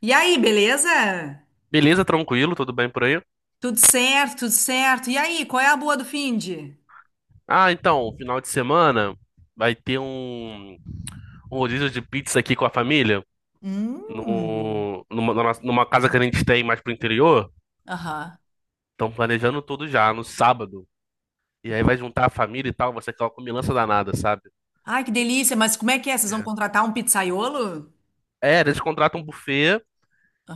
E aí, beleza? Beleza, tranquilo, tudo bem por aí? Tudo certo, tudo certo. E aí, qual é a boa do finde? Ah, então, final de semana vai ter um rodízio de pizza aqui com a família, Hum. no, numa, na numa casa que a gente tem mais pro interior. Aham. Estão planejando tudo já, no sábado. E aí vai juntar a família e tal, vai ser aquela comilança danada, sabe? Ai, que delícia, mas como é que é? Vocês vão É, contratar um pizzaiolo? é, eles contratam um buffet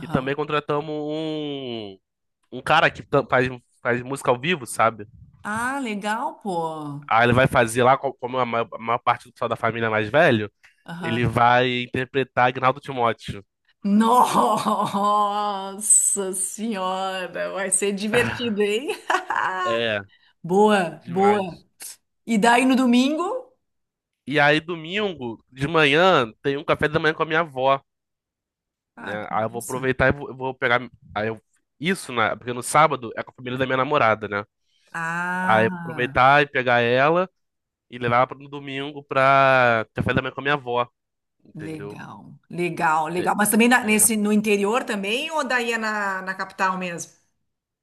e também contratamos um cara que faz música ao vivo, sabe? Ah, legal, pô. Aí ele vai fazer lá, como a maior parte do pessoal da família é mais velho, ele Aham. vai interpretar Agnaldo Timóteo. Nossa senhora, vai ser divertido, hein? É. Boa, boa. Demais. E daí no domingo? E aí, domingo de manhã, tem um café da manhã com a minha avó, Ah, né? que Aí eu vou massa. aproveitar e eu vou pegar. Aí eu, isso, né? Porque no sábado é com a família da minha namorada, né? Aí eu vou Ah. aproveitar e pegar ela e levar ela no domingo pra café da manhã com a minha avó, entendeu? Legal, legal, É, legal. Mas também é. nesse, no interior também ou daí é na capital mesmo?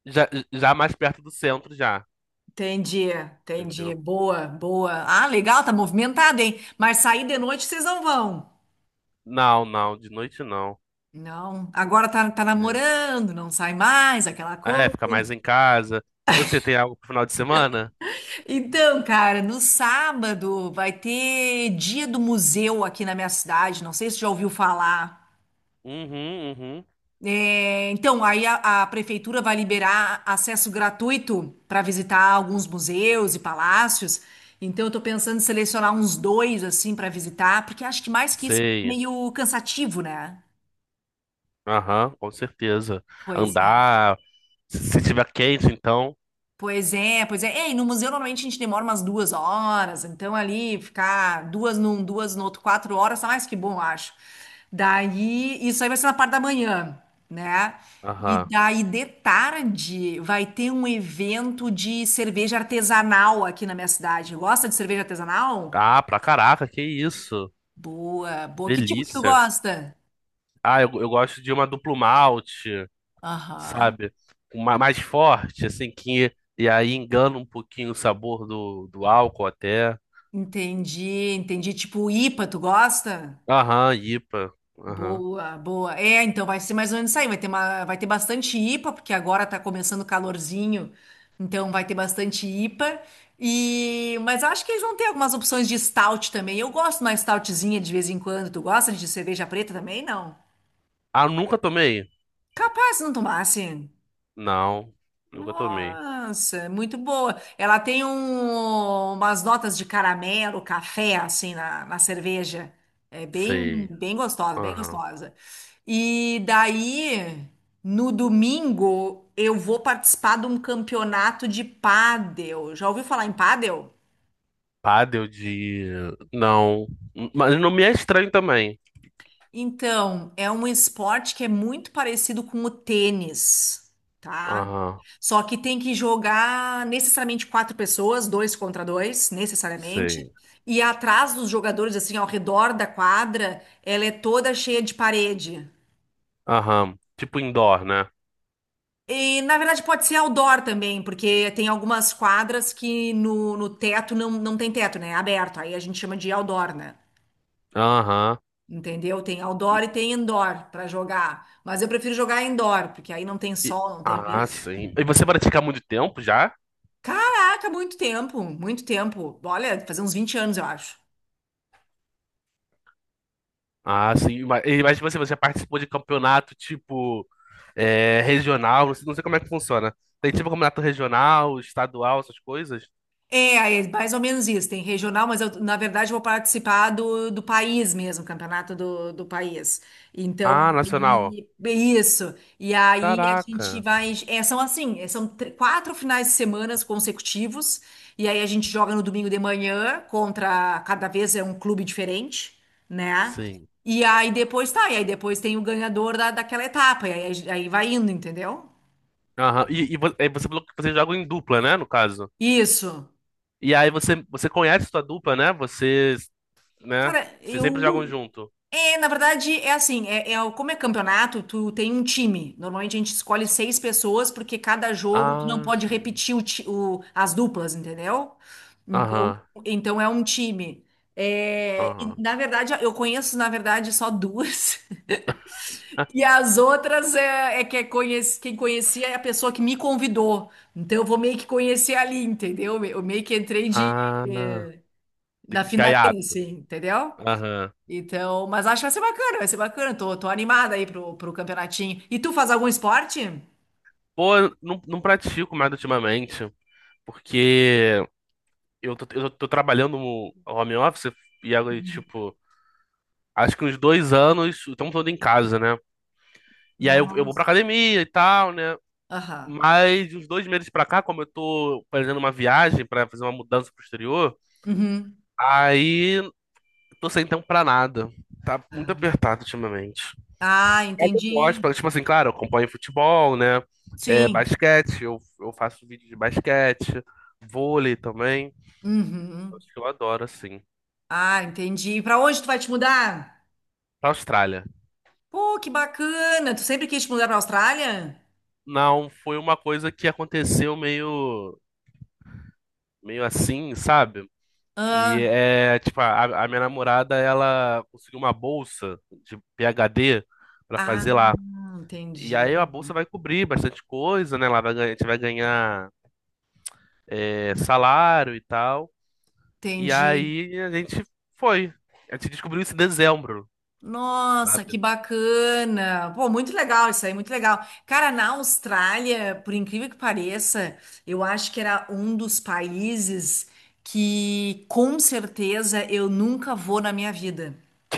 Já, já mais perto do centro, já, Entendi, entendi. entendeu? Boa, boa. Ah, legal, tá movimentado, hein? Mas sair de noite vocês não vão. Não, não, de noite não. Não, agora tá É, namorando, não sai mais, aquela ah, é coisa. ficar mais em casa. E você tem algo pro final de semana? Então, cara, no sábado vai ter dia do museu aqui na minha cidade. Não sei se você já ouviu falar. Uhum, uhum. É, então, aí a prefeitura vai liberar acesso gratuito para visitar alguns museus e palácios. Então, eu estou pensando em selecionar uns dois assim para visitar, porque acho que mais que isso é Sei. meio cansativo, né? Aham, com certeza. Pois é. Andar, se tiver quente, então. Pois é, pois é. É, e no museu normalmente a gente demora umas 2 horas, então ali ficar duas num, duas no outro, 4 horas, tá mais que bom, eu acho. Daí, isso aí vai ser na parte da manhã, né? E Aham. daí de tarde vai ter um evento de cerveja artesanal aqui na minha cidade. Gosta de cerveja artesanal? Ah, pra caraca, que isso. Boa, boa. Que tipo que tu Delícia. gosta? Ah, eu gosto de uma duplo malte, Aham. sabe? Uma mais forte, assim, que. E aí engana um pouquinho o sabor do, do álcool até. Entendi, entendi. Tipo IPA, tu gosta? Aham, IPA. Aham. Boa, boa. É, então vai ser mais ou menos isso aí. Vai ter bastante IPA, porque agora tá começando o calorzinho, então vai ter bastante IPA. E, mas acho que eles vão ter algumas opções de stout também. Eu gosto de uma stoutzinha de vez em quando. Tu gosta de cerveja preta também? Não. Ah, nunca tomei? Capaz se não tomasse. Não, nunca tomei. Nossa, muito boa. Ela tem umas notas de caramelo, café, assim, na cerveja. É bem, Sei. bem gostosa, bem Aham. gostosa. E daí, no domingo, eu vou participar de um campeonato de pádel. Já ouviu falar em pádel? Pádel de. Não. Mas não me é estranho também. Então, é um esporte que é muito parecido com o tênis, tá? Aham, Só que tem que jogar necessariamente quatro pessoas, dois contra dois, necessariamente. sei. E atrás dos jogadores, assim, ao redor da quadra, ela é toda cheia de parede. Aham. Tipo indoor, né? E, na verdade, pode ser outdoor também, porque tem algumas quadras que no teto não tem teto, né? É aberto. Aí a gente chama de outdoor, né? Aham. Entendeu? Tem outdoor E, e tem indoor para jogar. Mas eu prefiro jogar indoor, porque aí não tem e- sol, não tem Ah, vento. sim. E você pratica há muito tempo já? Caraca, muito tempo, muito tempo. Olha, fazer uns 20 anos, eu acho. Ah, sim. Mas, mas você participou de campeonato tipo é, regional? Não sei, não sei como é que funciona. Tem tipo campeonato regional, estadual, essas coisas? É mais ou menos isso. Tem regional, mas eu, na verdade, vou participar do país mesmo, campeonato do país. Então, Ah, nacional. Isso. E aí a gente Caraca. vai. É, são assim, 4 finais de semana consecutivos. E aí a gente joga no domingo de manhã contra. Cada vez é um clube diferente, né? Sim. E aí depois tá. E aí depois tem o ganhador daquela etapa. E aí vai indo, entendeu? Aham. E, e você falou que você joga em dupla, né? No caso. Isso. E aí você conhece sua dupla, né? Vocês, né? Cara, Vocês eu. sempre jogam junto. É, na verdade, é assim, como é campeonato, tu tem um time. Normalmente a gente escolhe seis pessoas, porque cada jogo tu não Ah, pode sim. repetir as duplas, entendeu? Então, Aham. então é um time. É, e, Aham. na verdade, eu conheço, na verdade, só duas. E as outras é que é conhece, quem conhecia é a pessoa que me convidou. Então eu vou meio que conhecer ali, entendeu? Eu meio que entrei Ah, na finaleira, gaiato. assim, entendeu? Aham. Então, mas acho que vai ser bacana, vai ser bacana. Tô animada aí pro campeonatinho. E tu faz algum esporte? Pô, eu não, não pratico mais ultimamente, porque eu tô trabalhando no home office e agora, tipo, acho que uns dois anos, o tempo todo em casa, né? E aí eu vou pra Nossa. academia e tal, né? Aham. Mas de uns dois meses pra cá, como eu tô fazendo uma viagem pra fazer uma mudança pro exterior, Uhum. aí tô sem tempo pra nada. Tá muito Ah, apertado ultimamente. ah, Mas eu gosto, entendi. porque, tipo assim, claro, eu acompanho futebol, né? É, Sim. basquete, eu faço vídeo de basquete, vôlei também. Uhum. Acho que eu adoro, assim. Ah, entendi. Pra onde tu vai te mudar? Pra Austrália. Pô, que bacana. Tu sempre quis te mudar pra Austrália? Não, foi uma coisa que aconteceu meio, meio assim, sabe? E Ah, é, tipo, a minha namorada, ela conseguiu uma bolsa de PhD pra fazer ah, lá. E entendi. aí a bolsa vai cobrir bastante coisa, né? Ela vai ganhar, a gente vai ganhar, é, salário e tal. E Entendi. aí a gente foi. A gente descobriu isso em dezembro, Nossa, sabe? que bacana! Pô, muito legal isso aí, muito legal. Cara, na Austrália, por incrível que pareça, eu acho que era um dos países que com certeza eu nunca vou na minha vida.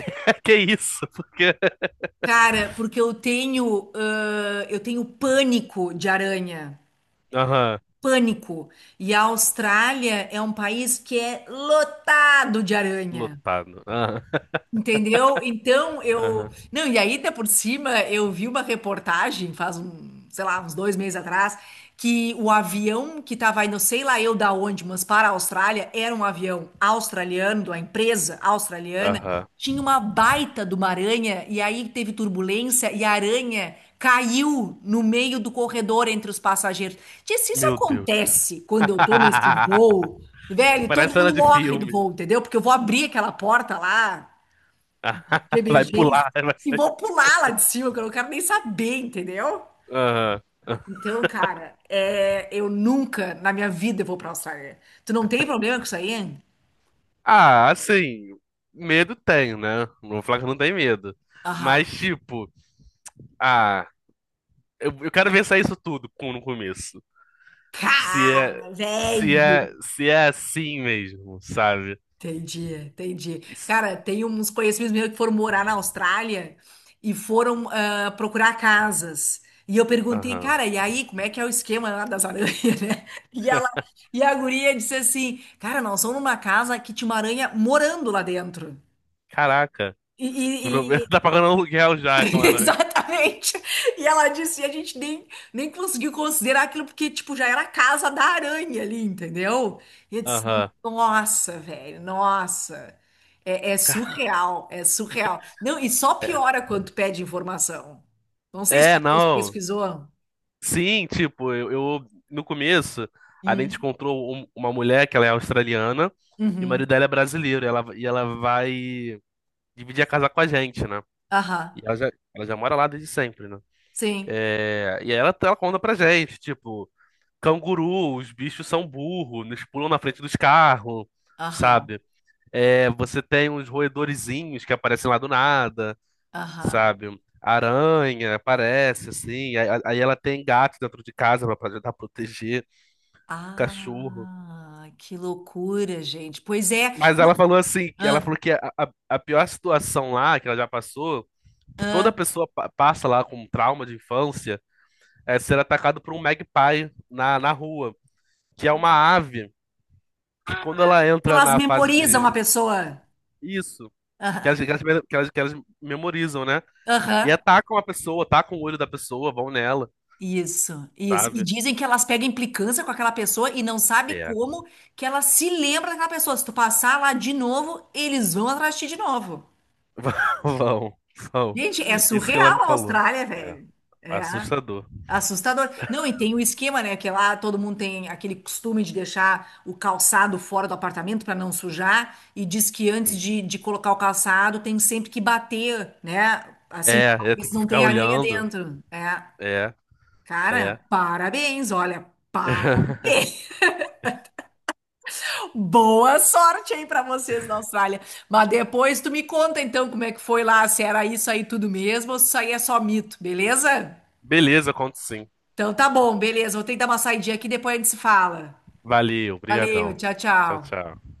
Que isso? Porque. Cara, porque eu tenho pânico de aranha. Aham, Pânico. E a Austrália é um país que é lotado de aranha. lotado. Aham, Entendeu? Então eu. aham, Não, e aí, até por cima, eu vi uma reportagem faz sei lá, uns 2 meses atrás, que o avião que estava indo, sei lá eu da onde, mas para a Austrália, era um avião australiano, de uma empresa australiana, aham. tinha uma baita de uma aranha, e aí teve turbulência, e a aranha caiu no meio do corredor entre os passageiros. Tia, se isso Meu Deus. acontece quando eu tô nesse voo, velho, todo Parece cena mundo de morre do filme. voo, entendeu? Porque eu vou abrir aquela porta lá de Vai emergência pular, vai e sair. vou pular lá de cima, que eu não quero nem saber, entendeu? Aham. Então, cara, é, eu nunca na minha vida vou pra Austrália. Tu não tem problema com isso aí? Ah, assim, medo tem, né? Não vou falar que não tem medo. Mas, Aham. tipo, ah, eu quero ver sair isso tudo no começo. Se é, Cara, velho. Se é assim mesmo, sabe? Entendi, entendi. Isso- Cara, tem uns conhecidos meus que foram morar na Austrália e foram procurar casas. E eu perguntei, aham. cara, e aí, como é que é o esquema lá das aranhas, né? E ela, e a guria disse assim, cara, nós somos numa casa que tinha uma aranha morando lá dentro. Caraca. E, e- e- Tá pagando aluguel já, Homem-Aranha. Exatamente. E ela disse, e a gente nem conseguiu considerar aquilo porque, tipo, já era a casa da aranha ali, entendeu? E eu disse, Aham. nossa, velho, nossa. É Ca- surreal, é surreal. Não, e só É, piora quando tu pede informação. Não sei se é, você não. pesquisou. Sim, tipo, no começo, a gente Hum, encontrou uma mulher que ela é australiana e o marido uhum, dela é brasileiro. E ela vai dividir a casa com a gente, né? aham, E ela já mora lá desde sempre, né? sim, É, e aí ela conta pra gente, tipo, canguru, os bichos são burros, eles pulam na frente dos carros, aham, sabe? É, você tem uns roedorzinhos que aparecem lá do nada. aham. Sabe? Aranha aparece, assim. Aí ela tem gato dentro de casa pra tentar proteger, cachorro. Ah, que loucura, gente. Pois é. Mas Não, ela falou assim, que ela ah, falou que a pior situação lá que ela já passou, que toda ah. pessoa passa lá com trauma de infância, é ser atacado por um magpie na rua, que é uma ave que quando ela entra Elas na fase memorizam de a pessoa. isso, que elas, Aham. que elas, que elas memorizam, né? E Aham. atacam a pessoa, atacam o olho da pessoa, vão nela, Isso, isso. E sabe? dizem que elas pegam implicância com aquela pessoa e não sabe É, como que ela se lembra daquela pessoa. Se tu passar lá de novo, eles vão atrás de ti de novo. vão, vão. Gente, é Isso que ela me surreal a falou. Austrália, É, velho. É assustador. assustador. Não, e tem o esquema, né? Que é lá todo mundo tem aquele costume de deixar o calçado fora do apartamento para não sujar. E diz que antes Sim. de colocar o calçado tem sempre que bater, né? Assim, É, pra é, ver tem se que não ficar tem aranha olhando. dentro. É. É, é. Cara, parabéns, olha. Parabéns. Boa sorte aí para vocês na Austrália. Mas depois tu me conta então como é que foi lá, se era isso aí tudo mesmo ou se isso aí é só mito, beleza? Beleza, conto sim. Então tá bom, beleza. Vou tentar uma saidinha aqui, depois a gente se fala. Valeu, Valeu, brigadão. tchau, Tchau, tchau. tchau.